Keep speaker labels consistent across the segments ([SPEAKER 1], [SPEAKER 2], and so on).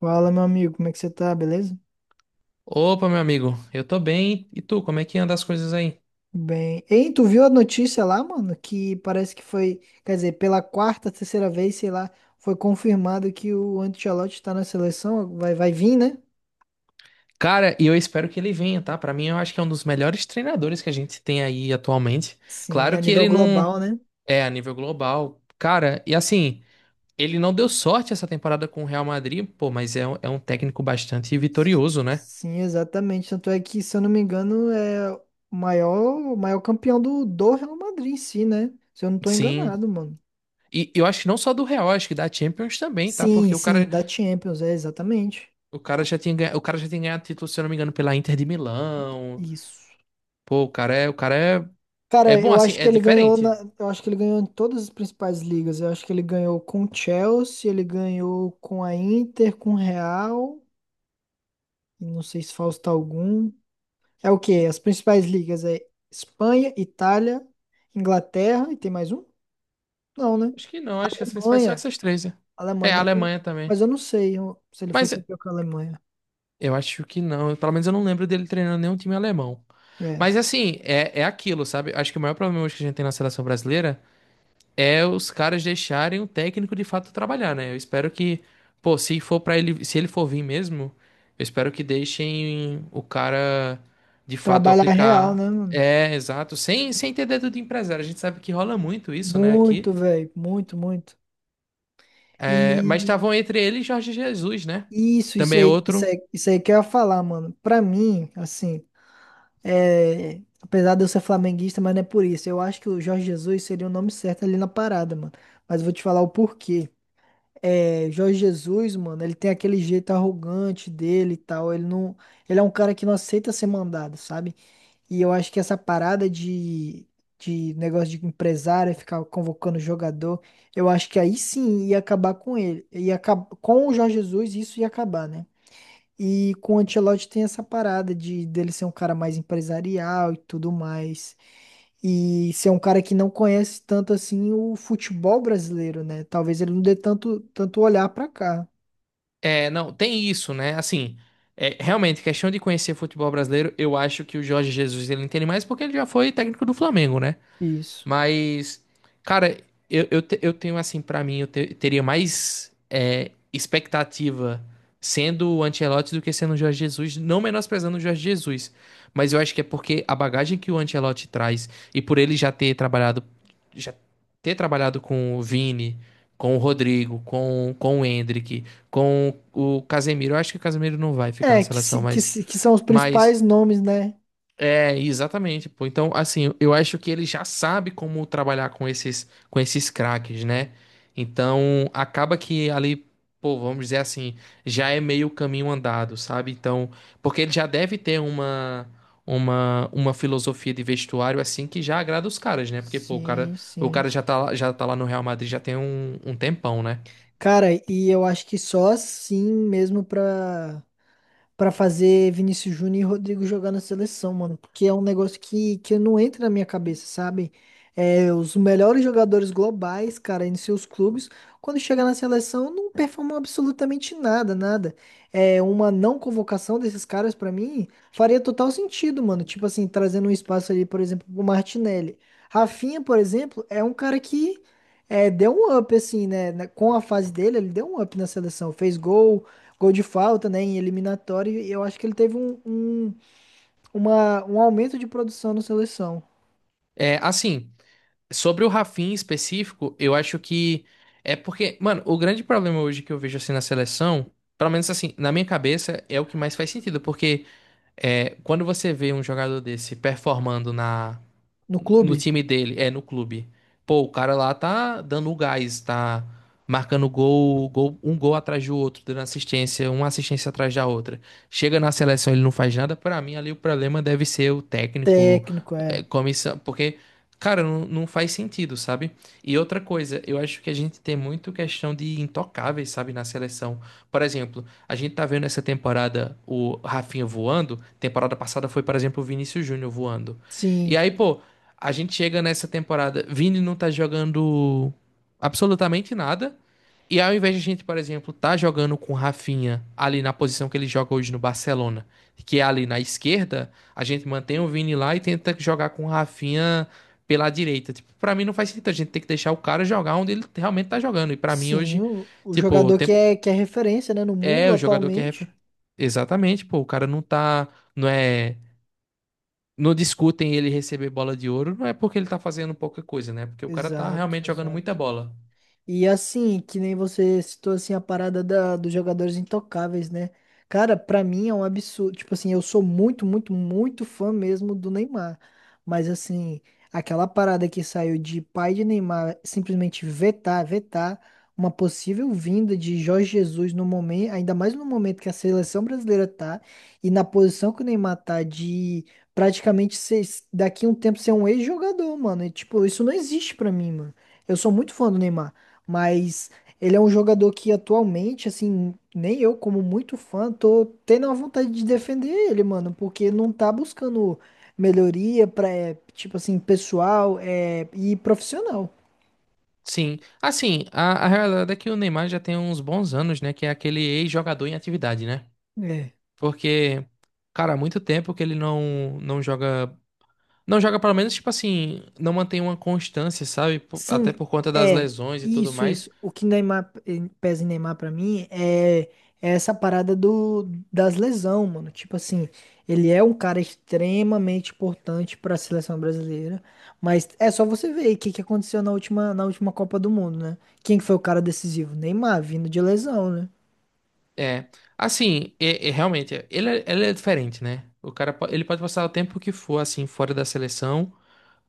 [SPEAKER 1] Fala, meu amigo, como é que você tá? Beleza?
[SPEAKER 2] Opa, meu amigo, eu tô bem. E tu, como é que anda as coisas aí?
[SPEAKER 1] Bem. Ei, tu viu a notícia lá, mano? Que parece que foi, quer dizer, Pela terceira vez, sei lá, foi confirmado que o Ancelotti tá na seleção, vai vir, né?
[SPEAKER 2] Cara, e eu espero que ele venha, tá? Pra mim, eu acho que é um dos melhores treinadores que a gente tem aí atualmente.
[SPEAKER 1] Sim,
[SPEAKER 2] Claro
[SPEAKER 1] a
[SPEAKER 2] que
[SPEAKER 1] nível
[SPEAKER 2] ele não
[SPEAKER 1] global, né?
[SPEAKER 2] é a nível global. Cara, e assim, ele não deu sorte essa temporada com o Real Madrid, pô, mas é, é um técnico bastante vitorioso, né?
[SPEAKER 1] Sim, exatamente. Tanto é que, se eu não me engano, é o maior campeão do Real Madrid em si, né? Se eu não tô
[SPEAKER 2] Sim.
[SPEAKER 1] enganado, mano.
[SPEAKER 2] E eu acho que não só do Real, acho que da Champions também, tá?
[SPEAKER 1] Sim,
[SPEAKER 2] Porque
[SPEAKER 1] sim, da Champions, é exatamente.
[SPEAKER 2] o cara já tinha, o cara já tinha ganhado título, se eu não me engano, pela Inter de Milão.
[SPEAKER 1] Isso.
[SPEAKER 2] Pô, o cara é, é
[SPEAKER 1] Cara,
[SPEAKER 2] bom assim, é diferente.
[SPEAKER 1] eu acho que ele ganhou em todas as principais ligas. Eu acho que ele ganhou com o Chelsea, ele ganhou com a Inter, com o Real, e não sei se falta algum. É o quê? As principais ligas é Espanha, Itália, Inglaterra e tem mais um? Não, né?
[SPEAKER 2] Acho que não, acho que as principais são
[SPEAKER 1] Alemanha,
[SPEAKER 2] essas três. Né?
[SPEAKER 1] Alemanha,
[SPEAKER 2] É, a
[SPEAKER 1] mas, eu-
[SPEAKER 2] Alemanha também.
[SPEAKER 1] mas eu não sei se ele foi
[SPEAKER 2] Mas
[SPEAKER 1] campeão com a Alemanha.
[SPEAKER 2] eu acho que não, pelo menos eu não lembro dele treinando nenhum time alemão.
[SPEAKER 1] É.
[SPEAKER 2] Mas assim, é, é aquilo, sabe? Acho que o maior problema hoje que a gente tem na seleção brasileira é os caras deixarem o técnico de fato trabalhar, né? Eu espero que, pô, se for para ele, se ele for vir mesmo, eu espero que deixem o cara de fato
[SPEAKER 1] Trabalhar real,
[SPEAKER 2] aplicar.
[SPEAKER 1] né, mano?
[SPEAKER 2] É, exato, sem, sem ter dedo de empresário. A gente sabe que rola muito isso, né, aqui.
[SPEAKER 1] Muito, velho, muito, muito.
[SPEAKER 2] É, mas estavam entre ele e Jorge Jesus, né? Que
[SPEAKER 1] Isso
[SPEAKER 2] também é
[SPEAKER 1] aí, isso
[SPEAKER 2] outro.
[SPEAKER 1] aí, isso aí que eu ia falar, mano. Pra mim, assim, é, apesar de eu ser flamenguista, mas não é por isso. Eu acho que o Jorge Jesus seria o nome certo ali na parada, mano. Mas eu vou te falar o porquê. É, Jorge Jesus, mano, ele tem aquele jeito arrogante dele e tal. Ele não, ele é um cara que não aceita ser mandado, sabe? E eu acho que essa parada de negócio de empresário, ficar convocando jogador, eu acho que aí sim ia acabar com ele. Ia com o Jorge Jesus, isso ia acabar, né? E com o Ancelotti tem essa parada de dele ser um cara mais empresarial e tudo mais. E ser um cara que não conhece tanto assim o futebol brasileiro, né? Talvez ele não dê tanto olhar pra cá.
[SPEAKER 2] É, não, tem isso, né? Assim, é, realmente, questão de conhecer futebol brasileiro, eu acho que o Jorge Jesus ele entende mais porque ele já foi técnico do Flamengo, né?
[SPEAKER 1] Isso.
[SPEAKER 2] Mas, cara, eu tenho assim, pra mim, teria mais é, expectativa sendo o Ancelotti do que sendo o Jorge Jesus, não menosprezando o Jorge Jesus. Mas eu acho que é porque a bagagem que o Ancelotti traz e por ele já ter trabalhado com o Vini, com o Rodrigo, com o Endrick, com o Casemiro. Eu acho que o Casemiro não vai ficar na
[SPEAKER 1] É, que,
[SPEAKER 2] seleção,
[SPEAKER 1] se- que, se- que são os
[SPEAKER 2] mas
[SPEAKER 1] principais nomes, né?
[SPEAKER 2] é, exatamente, pô. Então, assim, eu acho que ele já sabe como trabalhar com esses craques, né? Então, acaba que ali, pô, vamos dizer assim, já é meio caminho andado, sabe? Então, porque ele já deve ter uma uma filosofia de vestuário assim que já agrada os caras, né? Porque, pô,
[SPEAKER 1] Sim,
[SPEAKER 2] o
[SPEAKER 1] sim.
[SPEAKER 2] cara já tá lá no Real Madrid já tem um, um tempão, né?
[SPEAKER 1] Cara, e eu acho que só assim mesmo pra. Pra fazer Vinícius Júnior e Rodrigo jogar na seleção, mano. Porque é um negócio que não entra na minha cabeça, sabe? É, os melhores jogadores globais, cara, em seus clubes, quando chega na seleção, não performam absolutamente nada, nada. É, uma não convocação desses caras, pra mim, faria total sentido, mano. Tipo assim, trazendo um espaço ali, por exemplo, pro Martinelli. Rafinha, por exemplo, é um cara que é, deu um up, assim, né? Com a fase dele, ele deu um up na seleção. Fez gol de falta, né, em eliminatória, e eu acho que ele teve um, um aumento de produção na seleção,
[SPEAKER 2] É, assim, sobre o Rafinha em específico, eu acho que é porque, mano, o grande problema hoje que eu vejo assim na seleção, pelo menos assim, na minha cabeça, é o que mais faz sentido, porque é, quando você vê um jogador desse performando na
[SPEAKER 1] no
[SPEAKER 2] no
[SPEAKER 1] clube.
[SPEAKER 2] time dele, é no clube, pô, o cara lá tá dando o gás, tá marcando gol, gol, um gol atrás do outro, dando assistência, uma assistência atrás da outra. Chega na seleção, ele não faz nada, pra mim ali o problema deve ser o técnico
[SPEAKER 1] Técnico,
[SPEAKER 2] é,
[SPEAKER 1] é.
[SPEAKER 2] comissão, porque, cara, não, não faz sentido, sabe? E outra coisa, eu acho que a gente tem muito questão de intocáveis, sabe, na seleção. Por exemplo, a gente tá vendo essa temporada o Rafinha voando, temporada passada foi, por exemplo, o Vinícius Júnior voando. E
[SPEAKER 1] Sim,
[SPEAKER 2] aí, pô, a gente chega nessa temporada, Vini não tá jogando absolutamente nada. E ao invés de a gente, por exemplo, tá jogando com o Rafinha ali na posição que ele joga hoje no Barcelona, que é ali na esquerda, a gente mantém o Vini lá e tenta jogar com o Rafinha pela direita. Tipo, pra mim não faz sentido. A gente tem que deixar o cara jogar onde ele realmente tá jogando. E pra mim
[SPEAKER 1] sim,
[SPEAKER 2] hoje,
[SPEAKER 1] o
[SPEAKER 2] tipo,
[SPEAKER 1] jogador que é referência, né, no
[SPEAKER 2] é
[SPEAKER 1] mundo
[SPEAKER 2] o jogador que é
[SPEAKER 1] atualmente.
[SPEAKER 2] refer... Exatamente, pô. O cara não tá. Não é. Não discutem ele receber bola de ouro, não é porque ele tá fazendo pouca coisa, né? Porque o cara tá
[SPEAKER 1] Exato,
[SPEAKER 2] realmente jogando muita
[SPEAKER 1] exato.
[SPEAKER 2] bola.
[SPEAKER 1] E assim, que nem você citou assim a parada dos jogadores intocáveis, né? Cara, pra mim é um absurdo. Tipo assim, eu sou muito, muito, muito fã mesmo do Neymar. Mas assim, aquela parada que saiu de pai de Neymar simplesmente vetar uma possível vinda de Jorge Jesus no momento, ainda mais no momento que a seleção brasileira tá e na posição que o Neymar tá de praticamente ser, daqui a um tempo ser um ex-jogador, mano. E, tipo, isso não existe pra mim, mano. Eu sou muito fã do Neymar. Mas ele é um jogador que atualmente, assim, nem eu, como muito fã, tô tendo a vontade de defender ele, mano, porque não tá buscando melhoria pra, é, tipo assim, pessoal, é, e profissional.
[SPEAKER 2] Sim. Assim, a realidade é que o Neymar já tem uns bons anos, né? Que é aquele ex-jogador em atividade, né?
[SPEAKER 1] É.
[SPEAKER 2] Porque, cara, há muito tempo que ele não, não joga. Não joga pelo menos, tipo assim, não mantém uma constância, sabe?
[SPEAKER 1] Sim,
[SPEAKER 2] Até por conta das
[SPEAKER 1] é
[SPEAKER 2] lesões e tudo
[SPEAKER 1] isso,
[SPEAKER 2] mais.
[SPEAKER 1] isso. O que Neymar pesa em Neymar pra mim é, é essa parada do das lesão, mano. Tipo assim, ele é um cara extremamente importante pra seleção brasileira, mas é só você ver aí o que que aconteceu na última Copa do Mundo, né? Quem que foi o cara decisivo? Neymar, vindo de lesão, né?
[SPEAKER 2] É, assim, é, é, realmente, é, ele, ele é diferente, né? O cara, ele pode passar o tempo que for, assim, fora da seleção,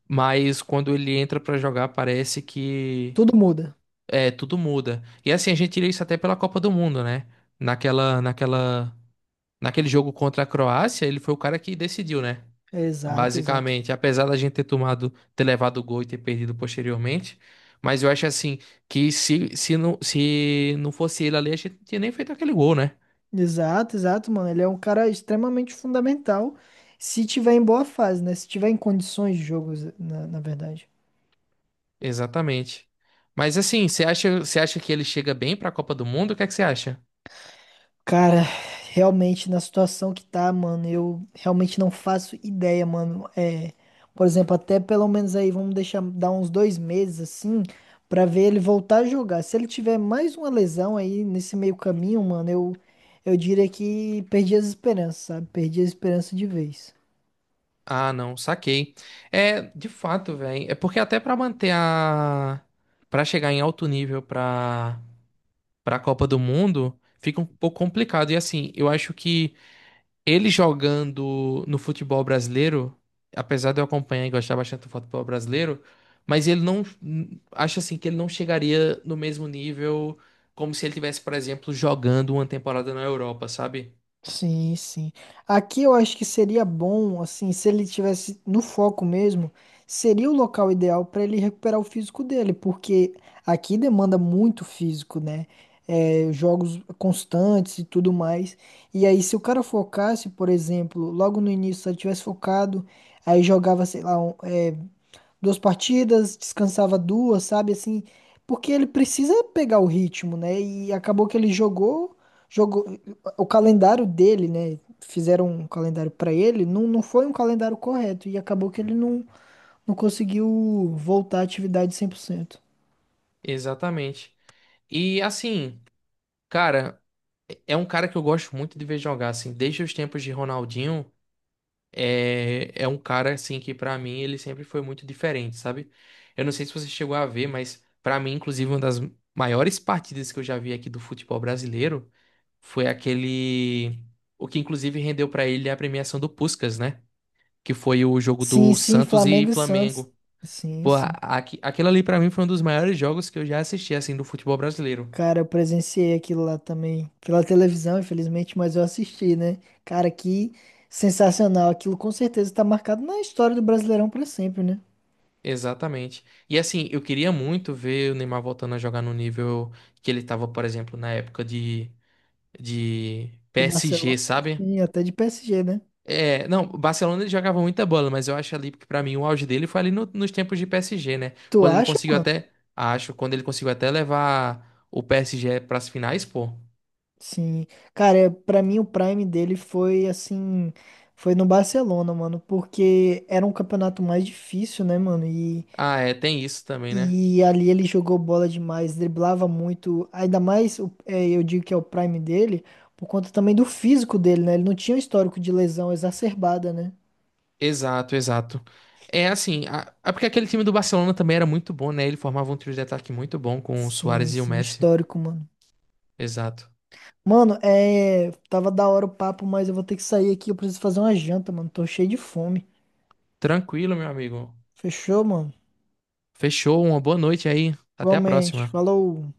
[SPEAKER 2] mas quando ele entra pra jogar, parece que
[SPEAKER 1] Tudo muda.
[SPEAKER 2] é, tudo muda. E assim, a gente tira isso até pela Copa do Mundo, né? Naquela, naquela, naquele jogo contra a Croácia, ele foi o cara que decidiu, né?
[SPEAKER 1] Exato, exato.
[SPEAKER 2] Basicamente, apesar da gente ter tomado, ter levado o gol e ter perdido posteriormente, mas eu acho assim que se não fosse ele ali, a gente não tinha nem feito aquele gol, né?
[SPEAKER 1] Exato, exato, mano. Ele é um cara extremamente fundamental se tiver em boa fase, né? Se tiver em condições de jogo, na verdade.
[SPEAKER 2] Exatamente. Mas assim, você acha que ele chega bem pra Copa do Mundo? O que é que você acha?
[SPEAKER 1] Cara, realmente na situação que tá, mano, eu realmente não faço ideia, mano. É, por exemplo, até pelo menos aí vamos deixar dar uns dois meses assim pra ver ele voltar a jogar. Se ele tiver mais uma lesão aí nesse meio caminho, mano, eu diria que perdi as esperanças, sabe? Perdi a esperança de vez.
[SPEAKER 2] Ah, não, saquei. É, de fato, velho. É porque até pra manter a pra chegar em alto nível pra para Copa do Mundo, fica um pouco complicado. E assim, eu acho que ele jogando no futebol brasileiro, apesar de eu acompanhar e gostar bastante do futebol brasileiro, mas ele não acho assim que ele não chegaria no mesmo nível como se ele tivesse, por exemplo, jogando uma temporada na Europa, sabe?
[SPEAKER 1] Sim, sim. Aqui eu acho que seria bom, assim, se ele tivesse no foco mesmo, seria o local ideal para ele recuperar o físico dele, porque aqui demanda muito físico, né? É, jogos constantes e tudo mais. E aí, se o cara focasse, por exemplo, logo no início, se ele tivesse focado, aí jogava, sei lá, duas partidas, descansava duas, sabe? Assim, porque ele precisa pegar o ritmo, né? E acabou que ele jogou o calendário dele, né? Fizeram um calendário pra ele, não foi um calendário correto e acabou que ele não, não conseguiu voltar à atividade cem por cento.
[SPEAKER 2] Exatamente. E assim, cara, é um cara que eu gosto muito de ver jogar assim, desde os tempos de Ronaldinho. É, é um cara assim que pra mim ele sempre foi muito diferente, sabe? Eu não sei se você chegou a ver, mas pra mim, inclusive, uma das maiores partidas que eu já vi aqui do futebol brasileiro foi aquele o que inclusive rendeu pra ele a premiação do Puskás, né? Que foi o jogo
[SPEAKER 1] Sim,
[SPEAKER 2] do
[SPEAKER 1] sim,
[SPEAKER 2] Santos e
[SPEAKER 1] Flamengo e Santos.
[SPEAKER 2] Flamengo.
[SPEAKER 1] Sim,
[SPEAKER 2] Pô,
[SPEAKER 1] sim.
[SPEAKER 2] aqui, aquilo ali pra mim foi um dos maiores jogos que eu já assisti assim do futebol brasileiro.
[SPEAKER 1] Cara, eu presenciei aquilo lá também, pela televisão, infelizmente, mas eu assisti, né? Cara, que sensacional. Aquilo com certeza tá marcado na história do Brasileirão pra sempre, né?
[SPEAKER 2] Exatamente. E assim, eu queria muito ver o Neymar voltando a jogar no nível que ele tava, por exemplo, na época de
[SPEAKER 1] De Barcelona,
[SPEAKER 2] PSG, sabe?
[SPEAKER 1] sim, até de PSG, né?
[SPEAKER 2] É, não, o Barcelona ele jogava muita bola, mas eu acho ali que pra mim o auge dele foi ali nos tempos de PSG, né?
[SPEAKER 1] Tu
[SPEAKER 2] Quando ele
[SPEAKER 1] acha,
[SPEAKER 2] conseguiu
[SPEAKER 1] mano?
[SPEAKER 2] até, acho, quando ele conseguiu até levar o PSG pras finais, pô.
[SPEAKER 1] Sim. Pra mim o prime dele foi assim, foi no Barcelona, mano, porque era um campeonato mais difícil, né, mano?
[SPEAKER 2] Ah, é, tem isso também, né?
[SPEAKER 1] E ali ele jogou bola demais, driblava muito, ainda mais, é, eu digo que é o prime dele, por conta também do físico dele, né? Ele não tinha um histórico de lesão exacerbada, né?
[SPEAKER 2] Exato, exato. É assim, é porque aquele time do Barcelona também era muito bom, né? Ele formava um trio de ataque muito bom com o
[SPEAKER 1] Sim,
[SPEAKER 2] Suárez e o
[SPEAKER 1] sim,
[SPEAKER 2] Messi.
[SPEAKER 1] histórico, mano.
[SPEAKER 2] Exato.
[SPEAKER 1] Mano, é. Tava da hora o papo, mas eu vou ter que sair aqui. Eu preciso fazer uma janta, mano. Tô cheio de fome.
[SPEAKER 2] Tranquilo, meu amigo.
[SPEAKER 1] Fechou, mano?
[SPEAKER 2] Fechou, uma boa noite aí. Até a
[SPEAKER 1] Igualmente.
[SPEAKER 2] próxima.
[SPEAKER 1] Falou.